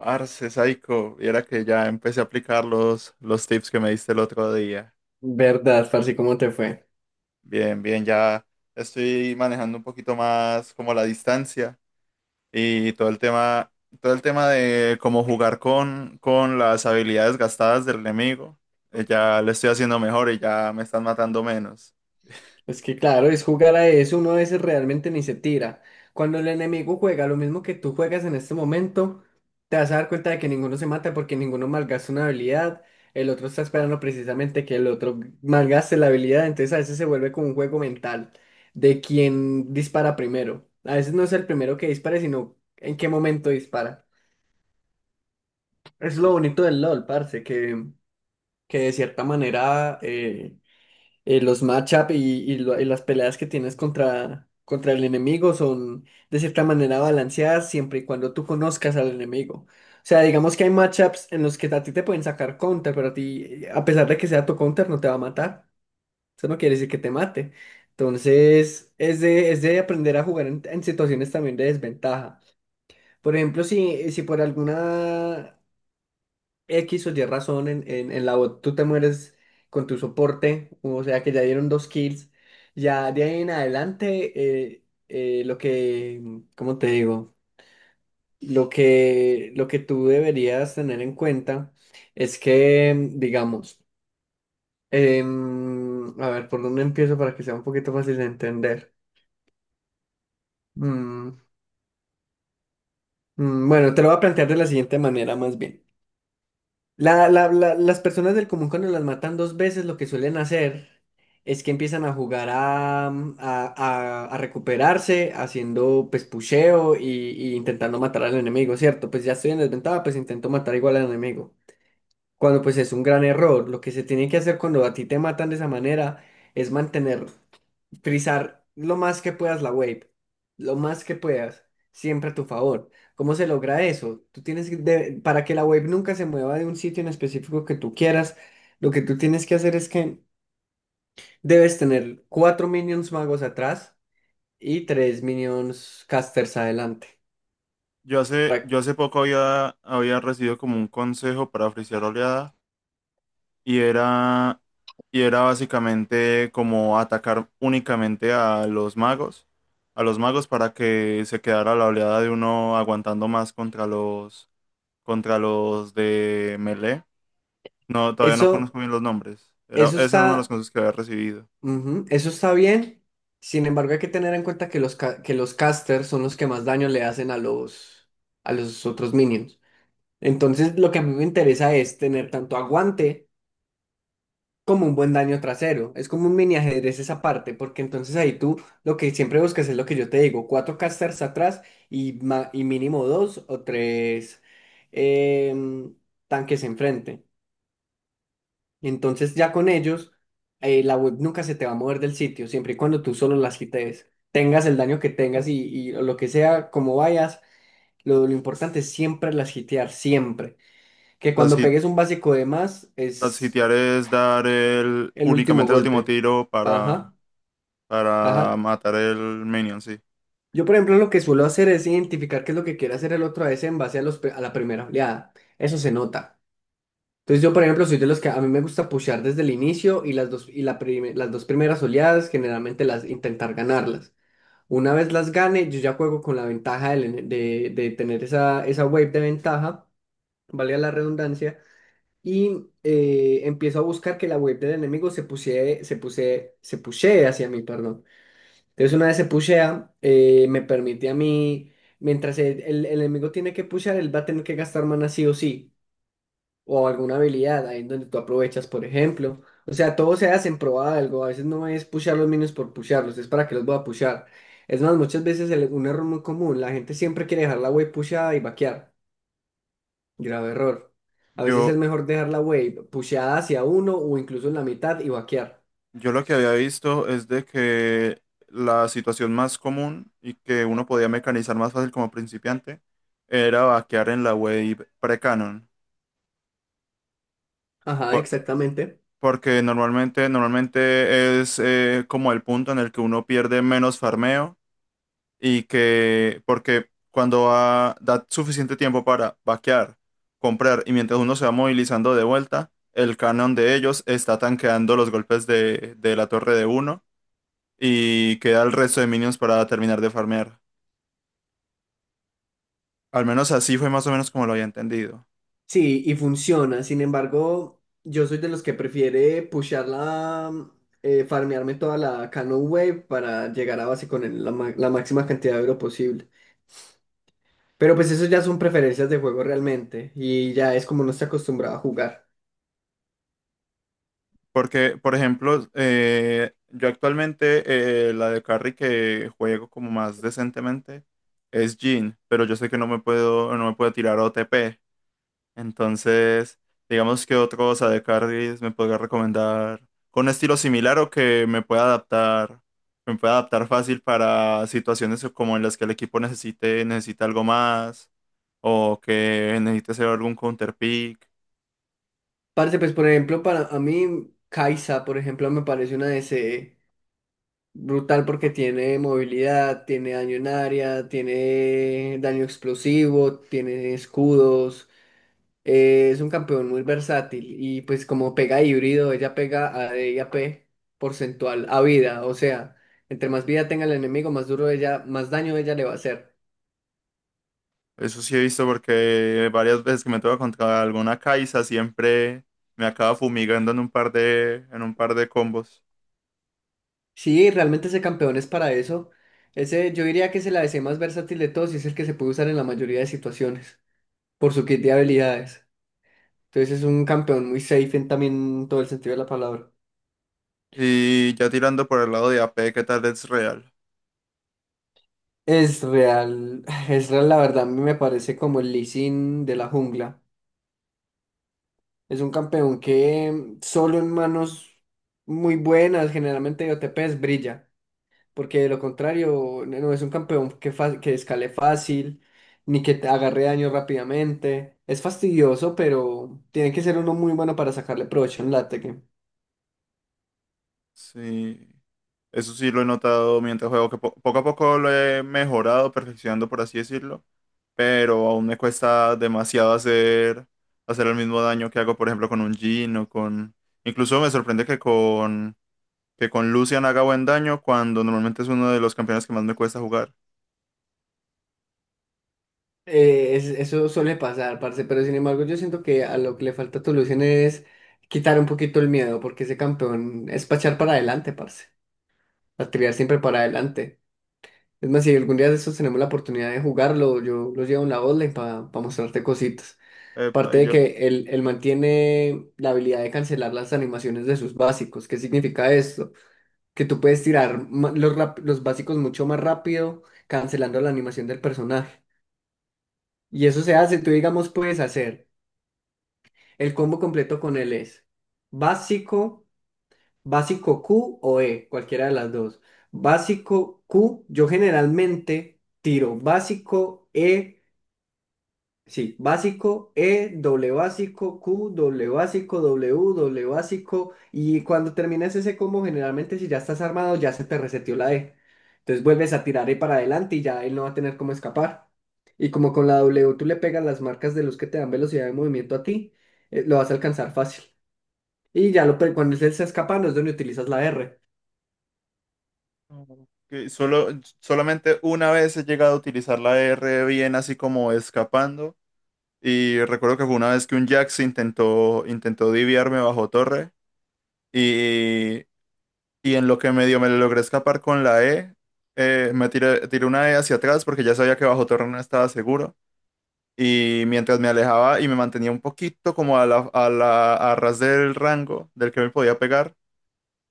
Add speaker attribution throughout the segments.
Speaker 1: Arce, Saico, viera que ya empecé a aplicar los tips que me diste el otro día.
Speaker 2: Verdad, parce, ¿cómo te fue?
Speaker 1: Bien, bien, ya estoy manejando un poquito más como la distancia y todo el tema de cómo jugar con las habilidades gastadas del enemigo. Ya le estoy haciendo mejor y ya me están matando menos.
Speaker 2: Es que claro, es jugar a eso, uno a veces realmente ni se tira. Cuando el enemigo juega lo mismo que tú juegas en este momento, te vas a dar cuenta de que ninguno se mata porque ninguno malgasta una habilidad, el otro está esperando precisamente que el otro malgaste la habilidad, entonces a veces se vuelve como un juego mental de quién dispara primero. A veces no es el primero que dispare, sino en qué momento dispara. Es
Speaker 1: Y
Speaker 2: lo bonito del LOL, parce, que de cierta manera los matchup y y las peleas que tienes contra el enemigo son de cierta manera balanceadas siempre y cuando tú conozcas al enemigo. O sea, digamos que hay matchups en los que a ti te pueden sacar counter, pero a ti, a pesar de que sea tu counter, no te va a matar. Eso no quiere decir que te mate. Entonces, es de aprender a jugar en situaciones también de desventaja. Por ejemplo, si por alguna X o Y razón en la bot, tú te mueres con tu soporte, o sea que ya dieron dos kills. Ya de ahí en adelante, eh, eh, lo que, ¿cómo te digo? Lo que tú deberías tener en cuenta es que, digamos, a ver, ¿por dónde empiezo para que sea un poquito fácil de entender? Mm, bueno, te lo voy a plantear de la siguiente manera, más bien. Las personas del común cuando las matan dos veces lo que suelen hacer es que empiezan a jugar a, mm, a recuperarse haciendo pues pusheo y intentando matar al enemigo, ¿cierto? Pues ya estoy en desventaja, pues intento matar igual al enemigo. Cuando pues es un gran error, lo que se tiene que hacer cuando a ti te matan de esa manera es mantener frizar lo más que puedas la wave, lo más que puedas, siempre a tu favor. ¿Cómo se logra eso? Tú tienes que, de- Para que la wave nunca se mueva de un sitio en específico que tú quieras, lo que tú tienes que hacer es que debes tener cuatro minions magos atrás y tres minions casters adelante.
Speaker 1: Yo hace,
Speaker 2: Para-
Speaker 1: yo hace poco había recibido como un consejo para frisear oleadas y era, y era básicamente como atacar únicamente a los magos para que se quedara la oleada de uno aguantando más contra contra los de melee. No, todavía no conozco
Speaker 2: Eso,
Speaker 1: bien los nombres.
Speaker 2: eso
Speaker 1: Ese era uno de los
Speaker 2: está,
Speaker 1: consejos que había recibido.
Speaker 2: ujú, eso está bien. Sin embargo, hay que tener en cuenta que que los casters son los que más daño le hacen a los otros minions. Entonces, lo que a mí me interesa es tener tanto aguante como un buen daño trasero. Es como un mini ajedrez esa parte, porque entonces ahí tú lo que siempre buscas es lo que yo te digo, cuatro casters atrás y mínimo dos o tres em, tanques enfrente. Entonces ya con ellos, la web nunca se te va a mover del sitio, siempre y cuando tú solo las quites, tengas el daño que tengas y lo que sea, como vayas, lo importante es siempre las hitear, siempre. Que
Speaker 1: Las,
Speaker 2: cuando
Speaker 1: hit-
Speaker 2: pegues un básico de más
Speaker 1: las
Speaker 2: es
Speaker 1: hitear es dar el,
Speaker 2: el último
Speaker 1: únicamente el último
Speaker 2: golpe.
Speaker 1: tiro
Speaker 2: Ajá,
Speaker 1: para
Speaker 2: ajá.
Speaker 1: matar el minion, sí.
Speaker 2: Yo, por ejemplo, lo que suelo hacer es identificar qué es lo que quiere hacer el otro a veces en base a la primera oleada. Eso se nota. Entonces, yo, por ejemplo, soy de los que a mí me gusta pushear desde el inicio y las dos primeras oleadas, generalmente las intentar ganarlas. Una vez las gane, yo ya juego con la ventaja de tener esa, esa wave de ventaja, valga la redundancia. Y empiezo a buscar que la web del enemigo se pusie, se puse, se pushee hacia mí, perdón. Entonces una vez se pushea, me permite a mí, mientras el enemigo tiene que pushear, él va a tener que gastar mana sí o sí, o alguna habilidad, ahí en donde tú aprovechas, por ejemplo. O sea, todo se hace en pro de algo, a veces no es pushear los minions por pushearlos, es para que los voy a pushear. Es más, muchas veces un error muy común, la gente siempre quiere dejar la web pusheada y vaquear. Grave error. A veces es
Speaker 1: Yo,
Speaker 2: mejor dejar la wave pusheada hacia uno o incluso en la mitad y vaquear.
Speaker 1: Yo lo que había visto es de que la situación más común y que uno podía mecanizar más fácil como principiante era vaquear en la web pre-canon.
Speaker 2: Ajá,
Speaker 1: Por-
Speaker 2: exactamente.
Speaker 1: Porque normalmente, normalmente es como el punto en el que uno pierde menos farmeo y que, porque da suficiente tiempo para vaquear, comprar y mientras uno se va movilizando de vuelta, el canon de ellos está tanqueando los golpes de la torre de uno y queda el resto de minions para terminar de farmear. Al menos así fue más o menos como lo había entendido.
Speaker 2: Sí, y funciona. Sin embargo, yo soy de los que prefiere pushearla, farmearme toda la Cano Wave para llegar a base con la máxima cantidad de oro posible. Pero pues eso ya son preferencias de juego realmente y ya es como no está acostumbrado a jugar.
Speaker 1: Porque, por ejemplo, yo actualmente la de carry que juego como más decentemente es Jhin, pero yo sé que no me puedo tirar OTP. Entonces, digamos que otros AD carries me podría recomendar con un estilo similar o que me pueda adaptar fácil para situaciones como en las que el equipo necesita algo más o que necesite hacer algún counter pick.
Speaker 2: Parce, pues por ejemplo, para a mí, Kaisa, por ejemplo, me parece una DC brutal porque tiene movilidad, tiene daño en área, tiene daño explosivo, tiene escudos. Es un campeón muy versátil y pues como pega híbrido, ella pega a D y AP porcentual a vida. O sea, entre más vida tenga el enemigo, más duro ella, más daño ella le va a hacer.
Speaker 1: Eso sí he visto porque varias veces que me toca contra alguna Kai'Sa siempre me acaba fumigando en un par en un par de combos.
Speaker 2: Sí, realmente ese campeón es para eso. Ese, yo diría que es el a ADC más versátil de todos y es el que se puede usar en la mayoría de situaciones por su kit de habilidades. Entonces es un campeón muy safe en también todo el sentido de la palabra.
Speaker 1: Y ya tirando por el lado de AP, ¿qué tal es real?
Speaker 2: Es real, es real, la verdad, a mí me parece como el Lee Sin de la jungla. Es un campeón que solo en manos muy buenas, generalmente de OTPs, brilla. Porque de lo contrario, no es un campeón que escale fácil, ni que te agarre daño rápidamente. Es fastidioso, pero tiene que ser uno muy bueno para sacarle provecho en late.
Speaker 1: Sí, eso sí lo he notado mientras juego, que poco a poco lo he mejorado, perfeccionando, por así decirlo, pero aún me cuesta demasiado hacer el mismo daño que hago, por ejemplo, con un Jhin o con... Incluso me sorprende que con Lucian haga buen daño cuando normalmente es uno de los campeones que más me cuesta jugar.
Speaker 2: Eso suele pasar, parce, pero sin embargo yo siento que a lo que le falta a Tolucen es quitar un poquito el miedo, porque ese campeón es pachar para adelante, parce, a tirar siempre para adelante. Es más, si algún día de estos tenemos la oportunidad de jugarlo, yo lo llevo en la online para mostrarte cositas.
Speaker 1: Epa,
Speaker 2: Aparte
Speaker 1: y
Speaker 2: de
Speaker 1: yo...
Speaker 2: que él mantiene la habilidad de cancelar las animaciones de sus básicos. ¿Qué significa esto? Que tú puedes tirar los básicos mucho más rápido, cancelando la animación del personaje. Y eso se hace, tú digamos, puedes hacer. El combo completo con él es básico, básico Q o E, cualquiera de las dos. Básico Q, yo generalmente tiro básico E, sí, básico E, doble básico Q, doble básico W, doble básico. Y cuando terminas ese combo, generalmente si ya estás armado, ya se te reseteó la E. Entonces vuelves a tirar E para adelante y ya él no va a tener cómo escapar. Y como con la W tú le pegas las marcas de luz que te dan velocidad de movimiento a ti, lo vas a alcanzar fácil. Y ya cuando él se escapa, no es donde utilizas la R.
Speaker 1: que solo, solamente una vez he llegado a utilizar la R bien así como escapando. Y recuerdo que fue una vez que un Jax intentó diviarme bajo torre y, y en lo que medio me logré escapar con la E, tiré una E hacia atrás porque ya sabía que bajo torre no estaba seguro. Y mientras me alejaba y me mantenía un poquito como a ras del rango del que me podía pegar,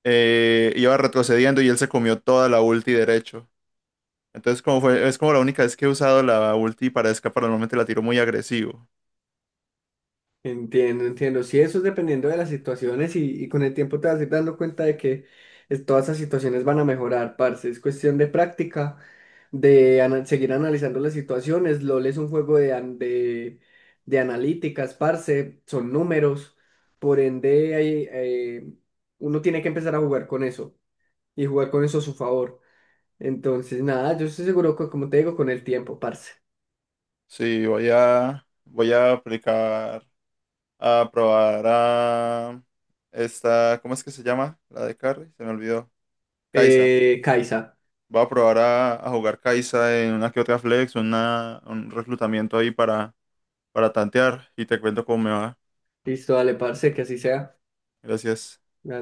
Speaker 1: iba retrocediendo y él se comió toda la ulti derecho. Entonces es como la única vez que he usado la ulti para escapar, normalmente la tiro muy agresivo.
Speaker 2: Entiendo, entiendo. Sí, eso es dependiendo de las situaciones y con el tiempo te vas a ir dando cuenta de que todas esas situaciones van a mejorar, parce. Es cuestión de práctica, seguir analizando las situaciones. LOL es un juego de analíticas, parce. Son números. Por ende, hay, uno tiene que empezar a jugar con eso y jugar con eso a su favor. Entonces, nada, yo estoy seguro que, como te digo, con el tiempo, parce.
Speaker 1: Sí, voy a aplicar, a probar a esta, ¿cómo es que se llama? La de Carry, se me olvidó. Kaisa.
Speaker 2: Kaisa.
Speaker 1: Voy a probar a jugar Kaisa en una que otra flex, un reclutamiento ahí para tantear y te cuento cómo me va.
Speaker 2: Listo, dale, parce, que así sea.
Speaker 1: Gracias.
Speaker 2: Me